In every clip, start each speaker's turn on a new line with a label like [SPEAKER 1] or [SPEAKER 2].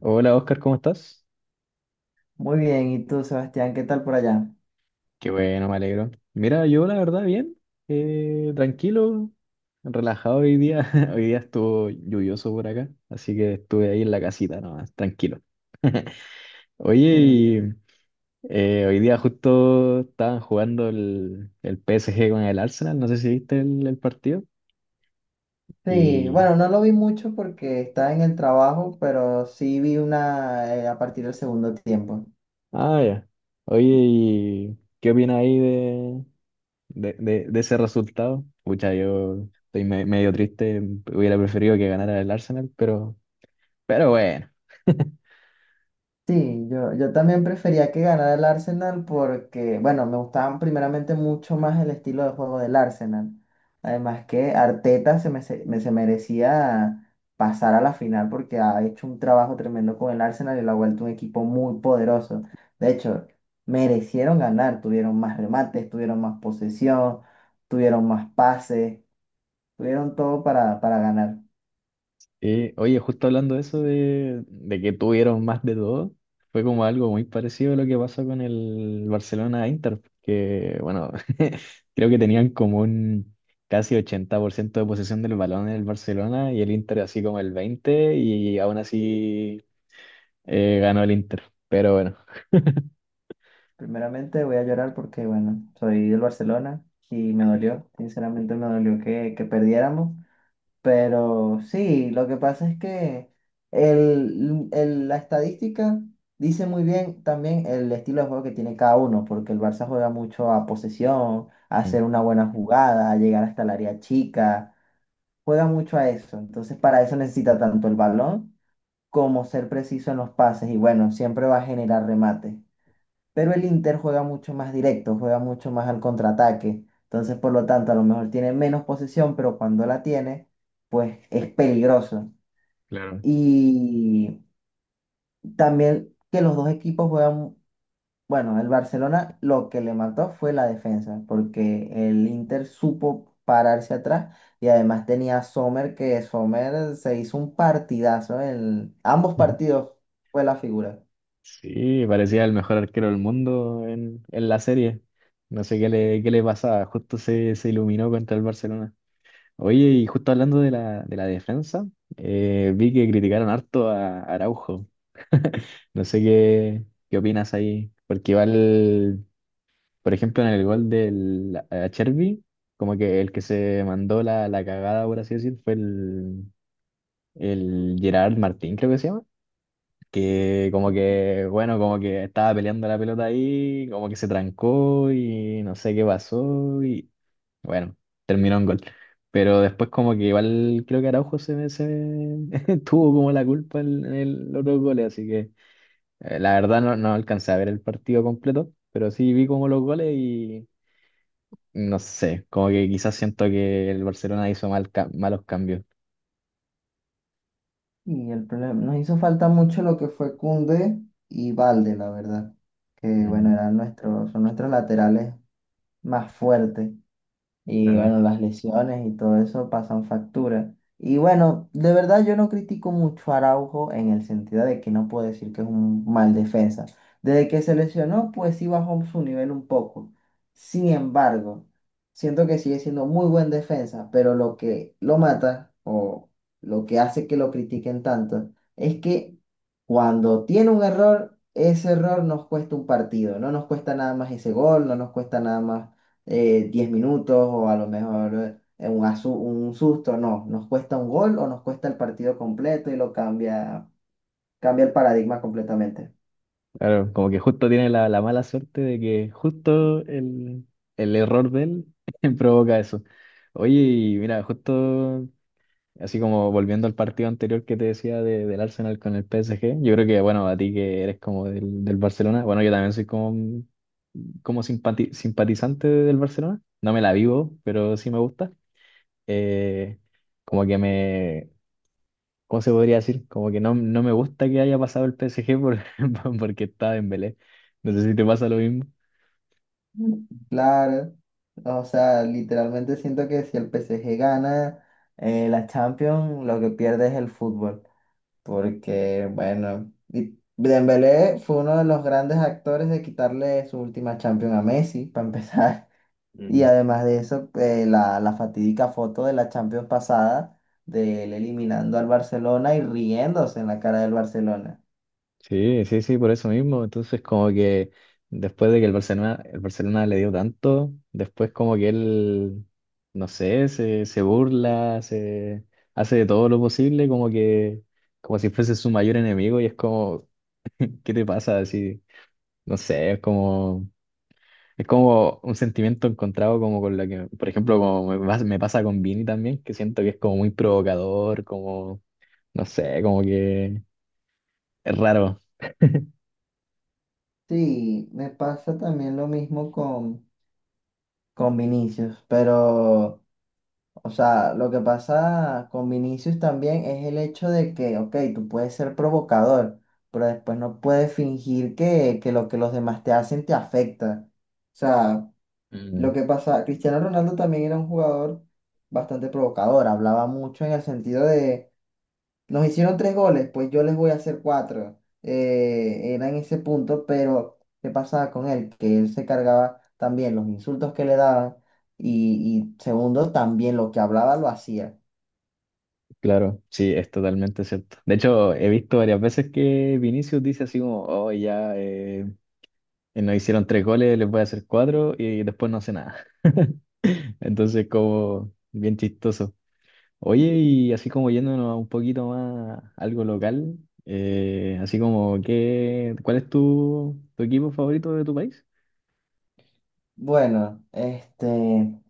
[SPEAKER 1] Hola Oscar, ¿cómo estás?
[SPEAKER 2] Muy bien, ¿y tú, Sebastián, qué tal por allá?
[SPEAKER 1] Qué bueno, me alegro. Mira, yo la verdad bien, tranquilo, relajado hoy día. Hoy día estuvo lluvioso por acá, así que estuve ahí en la casita nomás, tranquilo. Oye,
[SPEAKER 2] Mm.
[SPEAKER 1] y, hoy día justo estaban jugando el PSG con el Arsenal, no sé si viste el partido.
[SPEAKER 2] Sí,
[SPEAKER 1] Y,
[SPEAKER 2] bueno, no lo vi mucho porque estaba en el trabajo, pero sí vi una a partir del segundo tiempo.
[SPEAKER 1] ah, ya. Oye, ¿y qué opinas ahí de ese resultado? Pucha, yo estoy medio triste, hubiera preferido que ganara el Arsenal, pero bueno.
[SPEAKER 2] Sí, yo también prefería que ganara el Arsenal porque, bueno, me gustaba primeramente mucho más el estilo de juego del Arsenal. Además que Arteta se merecía pasar a la final porque ha hecho un trabajo tremendo con el Arsenal y lo ha vuelto un equipo muy poderoso. De hecho, merecieron ganar, tuvieron más remates, tuvieron más posesión, tuvieron más pases, tuvieron todo para ganar.
[SPEAKER 1] Y, oye, justo hablando de eso, de que tuvieron más de dos, fue como algo muy parecido a lo que pasó con el Barcelona-Inter, que bueno, creo que tenían como un casi 80% de posesión del balón en el Barcelona y el Inter así como el 20% y aún así ganó el Inter, pero bueno.
[SPEAKER 2] Primeramente voy a llorar porque, bueno, soy del Barcelona y me dolió, sinceramente me dolió que perdiéramos, pero sí, lo que pasa es que la estadística dice muy bien también el estilo de juego que tiene cada uno, porque el Barça juega mucho a posesión, a
[SPEAKER 1] Mm.
[SPEAKER 2] hacer una buena jugada, a llegar hasta el área chica, juega mucho a eso, entonces para eso necesita tanto el balón como ser preciso en los pases y bueno, siempre va a generar remate. Pero el Inter juega mucho más directo, juega mucho más al contraataque. Entonces, por lo tanto, a lo mejor tiene menos posesión, pero cuando la tiene, pues es peligroso.
[SPEAKER 1] Claro.
[SPEAKER 2] Y también que los dos equipos juegan, bueno, el Barcelona lo que le mató fue la defensa, porque el Inter supo pararse atrás y además tenía a Sommer, que Sommer se hizo un partidazo en ambos partidos, fue la figura.
[SPEAKER 1] Sí, parecía el mejor arquero del mundo en, la serie. No sé qué le pasaba, justo se, iluminó contra el Barcelona. Oye, y justo hablando de la defensa, vi que criticaron harto a Araujo. No sé qué opinas ahí, porque igual, por ejemplo, en el gol del a Chervi, como que el que se mandó la, cagada, por así decir, fue el Gerard Martín, creo que se llama, que como que, bueno, como que estaba peleando la pelota ahí, como que se trancó y no sé qué pasó y bueno, terminó en gol. Pero después como que igual creo que Araujo se, tuvo como la culpa en los dos goles, así que la verdad no alcancé a ver el partido completo, pero sí vi como los goles y no sé, como que quizás siento que el Barcelona hizo mal, malos cambios.
[SPEAKER 2] Y el problema, nos hizo falta mucho lo que fue Koundé y Valde, la verdad. Que bueno, eran nuestros, son nuestros laterales más fuertes. Y
[SPEAKER 1] Mm.
[SPEAKER 2] bueno, las lesiones y todo eso pasan factura. Y bueno, de verdad yo no critico mucho a Araujo en el sentido de que no puedo decir que es un mal defensa. Desde que se lesionó, pues sí bajó su nivel un poco. Sin embargo, siento que sigue siendo muy buen defensa, pero lo que lo mata o lo que hace que lo critiquen tanto es que cuando tiene un error, ese error nos cuesta un partido. No nos cuesta nada más ese gol, no nos cuesta nada más 10 minutos o a lo mejor un susto, no, nos cuesta un gol o nos cuesta el partido completo y lo cambia, cambia el paradigma completamente.
[SPEAKER 1] Claro, como que justo tiene la, mala suerte de que justo el error de él provoca eso. Oye, y mira, justo así como volviendo al partido anterior que te decía del Arsenal con el PSG, yo creo que, bueno, a ti que eres como del, Barcelona, bueno, yo también soy como, como simpatizante del Barcelona, no me la vivo, pero sí me gusta. Eh, como que me, ¿cómo se podría decir? Como que no me gusta que haya pasado el PSG por, porque estaba en Belé. No sé si te pasa lo mismo.
[SPEAKER 2] Mm. Claro, o sea, literalmente siento que si el PSG gana la Champions, lo que pierde es el fútbol, porque bueno, y Dembélé fue uno de los grandes actores de quitarle su última Champions a Messi, para empezar. Y
[SPEAKER 1] Mm.
[SPEAKER 2] además de eso, la fatídica foto de la Champions pasada, de él eliminando al Barcelona y riéndose en la cara del Barcelona.
[SPEAKER 1] Sí, sí, sí, por eso mismo. Entonces, como que después de que el Barcelona le dio tanto, después como que él, no sé, se burla, se hace de todo lo posible, como que, como si fuese su mayor enemigo, y es como, ¿qué te pasa? Así, no sé, es como. Es como un sentimiento encontrado como con la que, por ejemplo, como me pasa con Vini también, que siento que es como muy provocador, como, no sé, como que es raro.
[SPEAKER 2] Sí, me pasa también lo mismo con Vinicius, pero, o sea, lo que pasa con Vinicius también es el hecho de que, ok, tú puedes ser provocador, pero después no puedes fingir que lo que los demás te hacen te afecta. O sea,
[SPEAKER 1] Mm,
[SPEAKER 2] lo que pasa, Cristiano Ronaldo también era un jugador bastante provocador, hablaba mucho en el sentido de, nos hicieron tres goles, pues yo les voy a hacer cuatro. Era en ese punto, pero ¿qué pasaba con él? Que él se cargaba también los insultos que le daban y segundo, también lo que hablaba lo hacía.
[SPEAKER 1] claro, sí, es totalmente cierto. De hecho, he visto varias veces que Vinicius dice así como, oh, ya nos hicieron tres goles, les voy a hacer cuatro y después no hace nada. Entonces, como bien chistoso. Oye, y así como yéndonos a un poquito más a algo local, así como que, ¿cuál es tu, equipo favorito de tu país?
[SPEAKER 2] Bueno,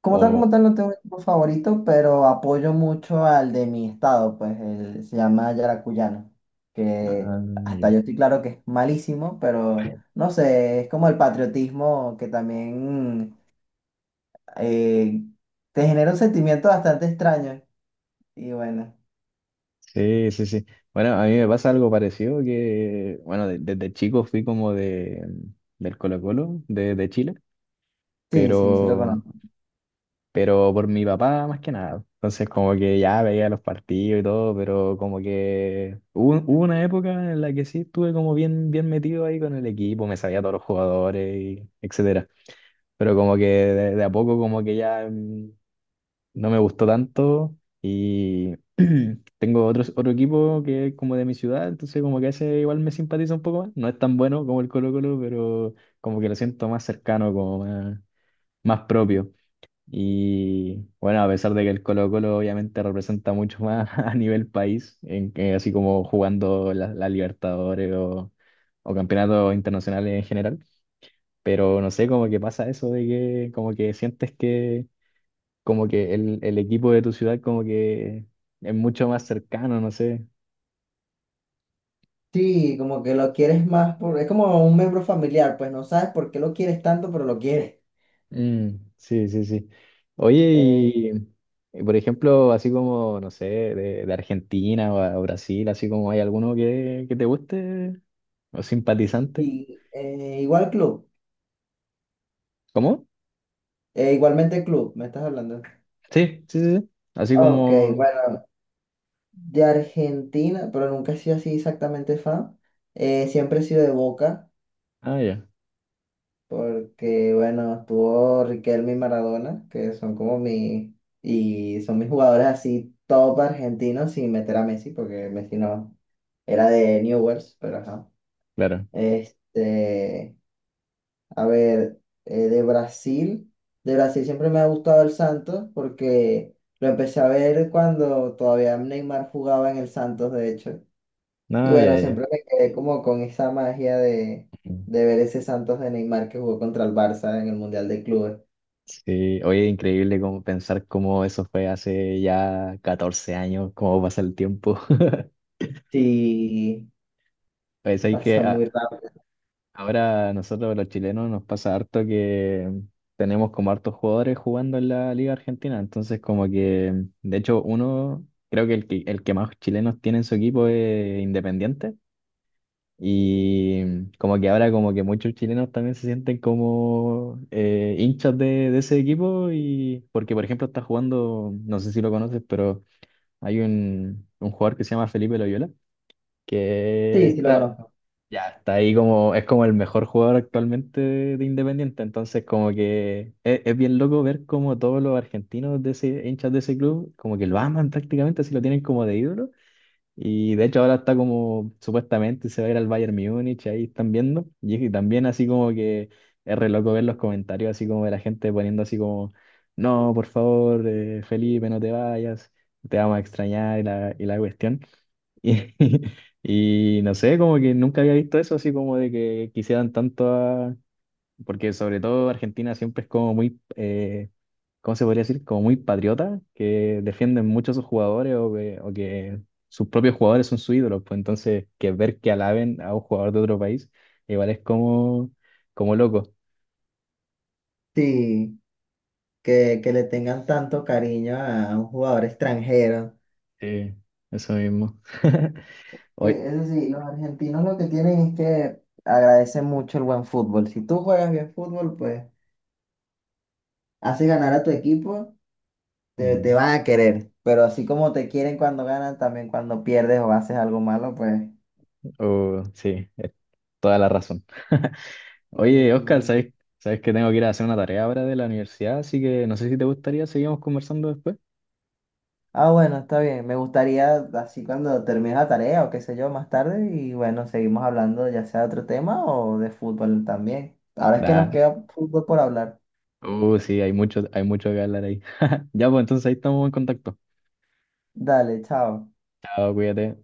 [SPEAKER 2] como tal,
[SPEAKER 1] O,
[SPEAKER 2] como tal, no tengo un equipo favorito, pero apoyo mucho al de mi estado, pues el, se llama Yaracuyano, que
[SPEAKER 1] ah, ya.
[SPEAKER 2] hasta yo estoy claro que es malísimo, pero no sé, es como el patriotismo que también eh, te genera un sentimiento bastante extraño. Y bueno,
[SPEAKER 1] Sí, sí, sí. Bueno, a mí me pasa algo parecido que, bueno, desde chico fui como del Colo-Colo, de Chile,
[SPEAKER 2] sí, sí, sí lo
[SPEAKER 1] pero
[SPEAKER 2] conozco.
[SPEAKER 1] pero por mi papá más que nada. Entonces como que ya veía los partidos y todo, pero como que hubo una época en la que sí estuve como bien, bien metido ahí con el equipo, me sabía todos los jugadores, y etcétera. Pero como que de, a poco como que ya no me gustó tanto y tengo otro equipo que es como de mi ciudad, entonces como que ese igual me simpatiza un poco más. No es tan bueno como el Colo-Colo, pero como que lo siento más cercano, como más, más propio. Y bueno, a pesar de que el Colo-Colo obviamente representa mucho más a nivel país, en así como jugando la, Libertadores o campeonatos internacionales en general, pero no sé, como que pasa eso de que como que sientes que como que el, equipo de tu ciudad como que es mucho más cercano, no sé.
[SPEAKER 2] Sí, como que lo quieres más, por, es como un miembro familiar, pues no sabes por qué lo quieres tanto, pero lo quieres.
[SPEAKER 1] Mm, sí, sí, sí. Oye,
[SPEAKER 2] Eh,
[SPEAKER 1] y, por ejemplo, así como, no sé, de Argentina o, o Brasil, así como hay alguno que te guste o simpatizante.
[SPEAKER 2] Igual club,
[SPEAKER 1] ¿Cómo?
[SPEAKER 2] igualmente club, me estás hablando.
[SPEAKER 1] Sí, sí, sí, sí. Así
[SPEAKER 2] Ok,
[SPEAKER 1] como...
[SPEAKER 2] bueno, de Argentina, pero nunca he sido así exactamente fan. Siempre he sido de Boca,
[SPEAKER 1] Ah, ya,
[SPEAKER 2] porque bueno, estuvo Riquelme y Maradona, que son como mi, y son mis jugadores así top argentinos sin meter a Messi, porque Messi no era de Newell's, pero ajá.
[SPEAKER 1] claro.
[SPEAKER 2] Este, a ver, de Brasil siempre me ha gustado el Santos, porque lo empecé a ver cuando todavía Neymar jugaba en el Santos, de hecho. Y
[SPEAKER 1] Ah, ya,
[SPEAKER 2] bueno,
[SPEAKER 1] ya.
[SPEAKER 2] siempre me quedé como con esa magia
[SPEAKER 1] Mm.
[SPEAKER 2] de ver ese Santos de Neymar que jugó contra el Barça en el Mundial de Clubes.
[SPEAKER 1] Sí, oye, increíble como pensar cómo eso fue hace ya 14 años, cómo pasa el tiempo.
[SPEAKER 2] Sí,
[SPEAKER 1] Pues hay que
[SPEAKER 2] pasa muy rápido.
[SPEAKER 1] ahora a nosotros los chilenos nos pasa harto que tenemos como hartos jugadores jugando en la Liga Argentina, entonces como que, de hecho, uno, creo que el que, más chilenos tiene en su equipo es Independiente, y como que ahora como que muchos chilenos también se sienten como hinchas de, ese equipo, y porque por ejemplo está jugando, no sé si lo conoces, pero hay un jugador que se llama Felipe Loyola, que
[SPEAKER 2] Sí, sí lo
[SPEAKER 1] está,
[SPEAKER 2] conozco.
[SPEAKER 1] ya, está ahí como, es como el mejor jugador actualmente de Independiente, entonces como que es bien loco ver como todos los argentinos de ese, hinchas de ese club, como que lo aman prácticamente, así lo tienen como de ídolo, y de hecho ahora está como, supuestamente se va a ir al Bayern Múnich, ahí están viendo, y, también así como que es re loco ver los comentarios, así como de la gente poniendo así como, no, por favor, Felipe, no te vayas, te vamos a extrañar y la cuestión. Y, y no sé, como que nunca había visto eso, así como de que quisieran tanto a... Porque sobre todo Argentina siempre es como muy, ¿cómo se podría decir? Como muy patriota, que defienden mucho a sus jugadores o que sus propios jugadores son sus ídolos. Pues entonces, que ver que alaben a un jugador de otro país, igual es como, como loco.
[SPEAKER 2] Sí, que le tengan tanto cariño a un jugador extranjero.
[SPEAKER 1] Sí, eso mismo. Hoy,
[SPEAKER 2] Eso sí, los argentinos lo que tienen es que agradecen mucho el buen fútbol. Si tú juegas bien fútbol, pues haces ganar a tu equipo, te
[SPEAKER 1] mm,
[SPEAKER 2] van a querer. Pero así como te quieren cuando ganan, también cuando pierdes o haces algo malo, pues...
[SPEAKER 1] oh, sí, es toda la razón. Oye, Oscar,
[SPEAKER 2] Mm.
[SPEAKER 1] ¿sabes que tengo que ir a hacer una tarea ahora de la universidad? Así que no sé si te gustaría, seguimos conversando después.
[SPEAKER 2] Ah, bueno, está bien. Me gustaría, así cuando termine la tarea o qué sé yo, más tarde, y bueno, seguimos hablando ya sea de otro tema o de fútbol también. Ahora es que
[SPEAKER 1] Da.
[SPEAKER 2] nos
[SPEAKER 1] Dale.
[SPEAKER 2] queda fútbol por hablar.
[SPEAKER 1] Sí, hay mucho, que hablar ahí. Ya, pues entonces ahí estamos en contacto.
[SPEAKER 2] Dale, chao.
[SPEAKER 1] Chao, cuídate.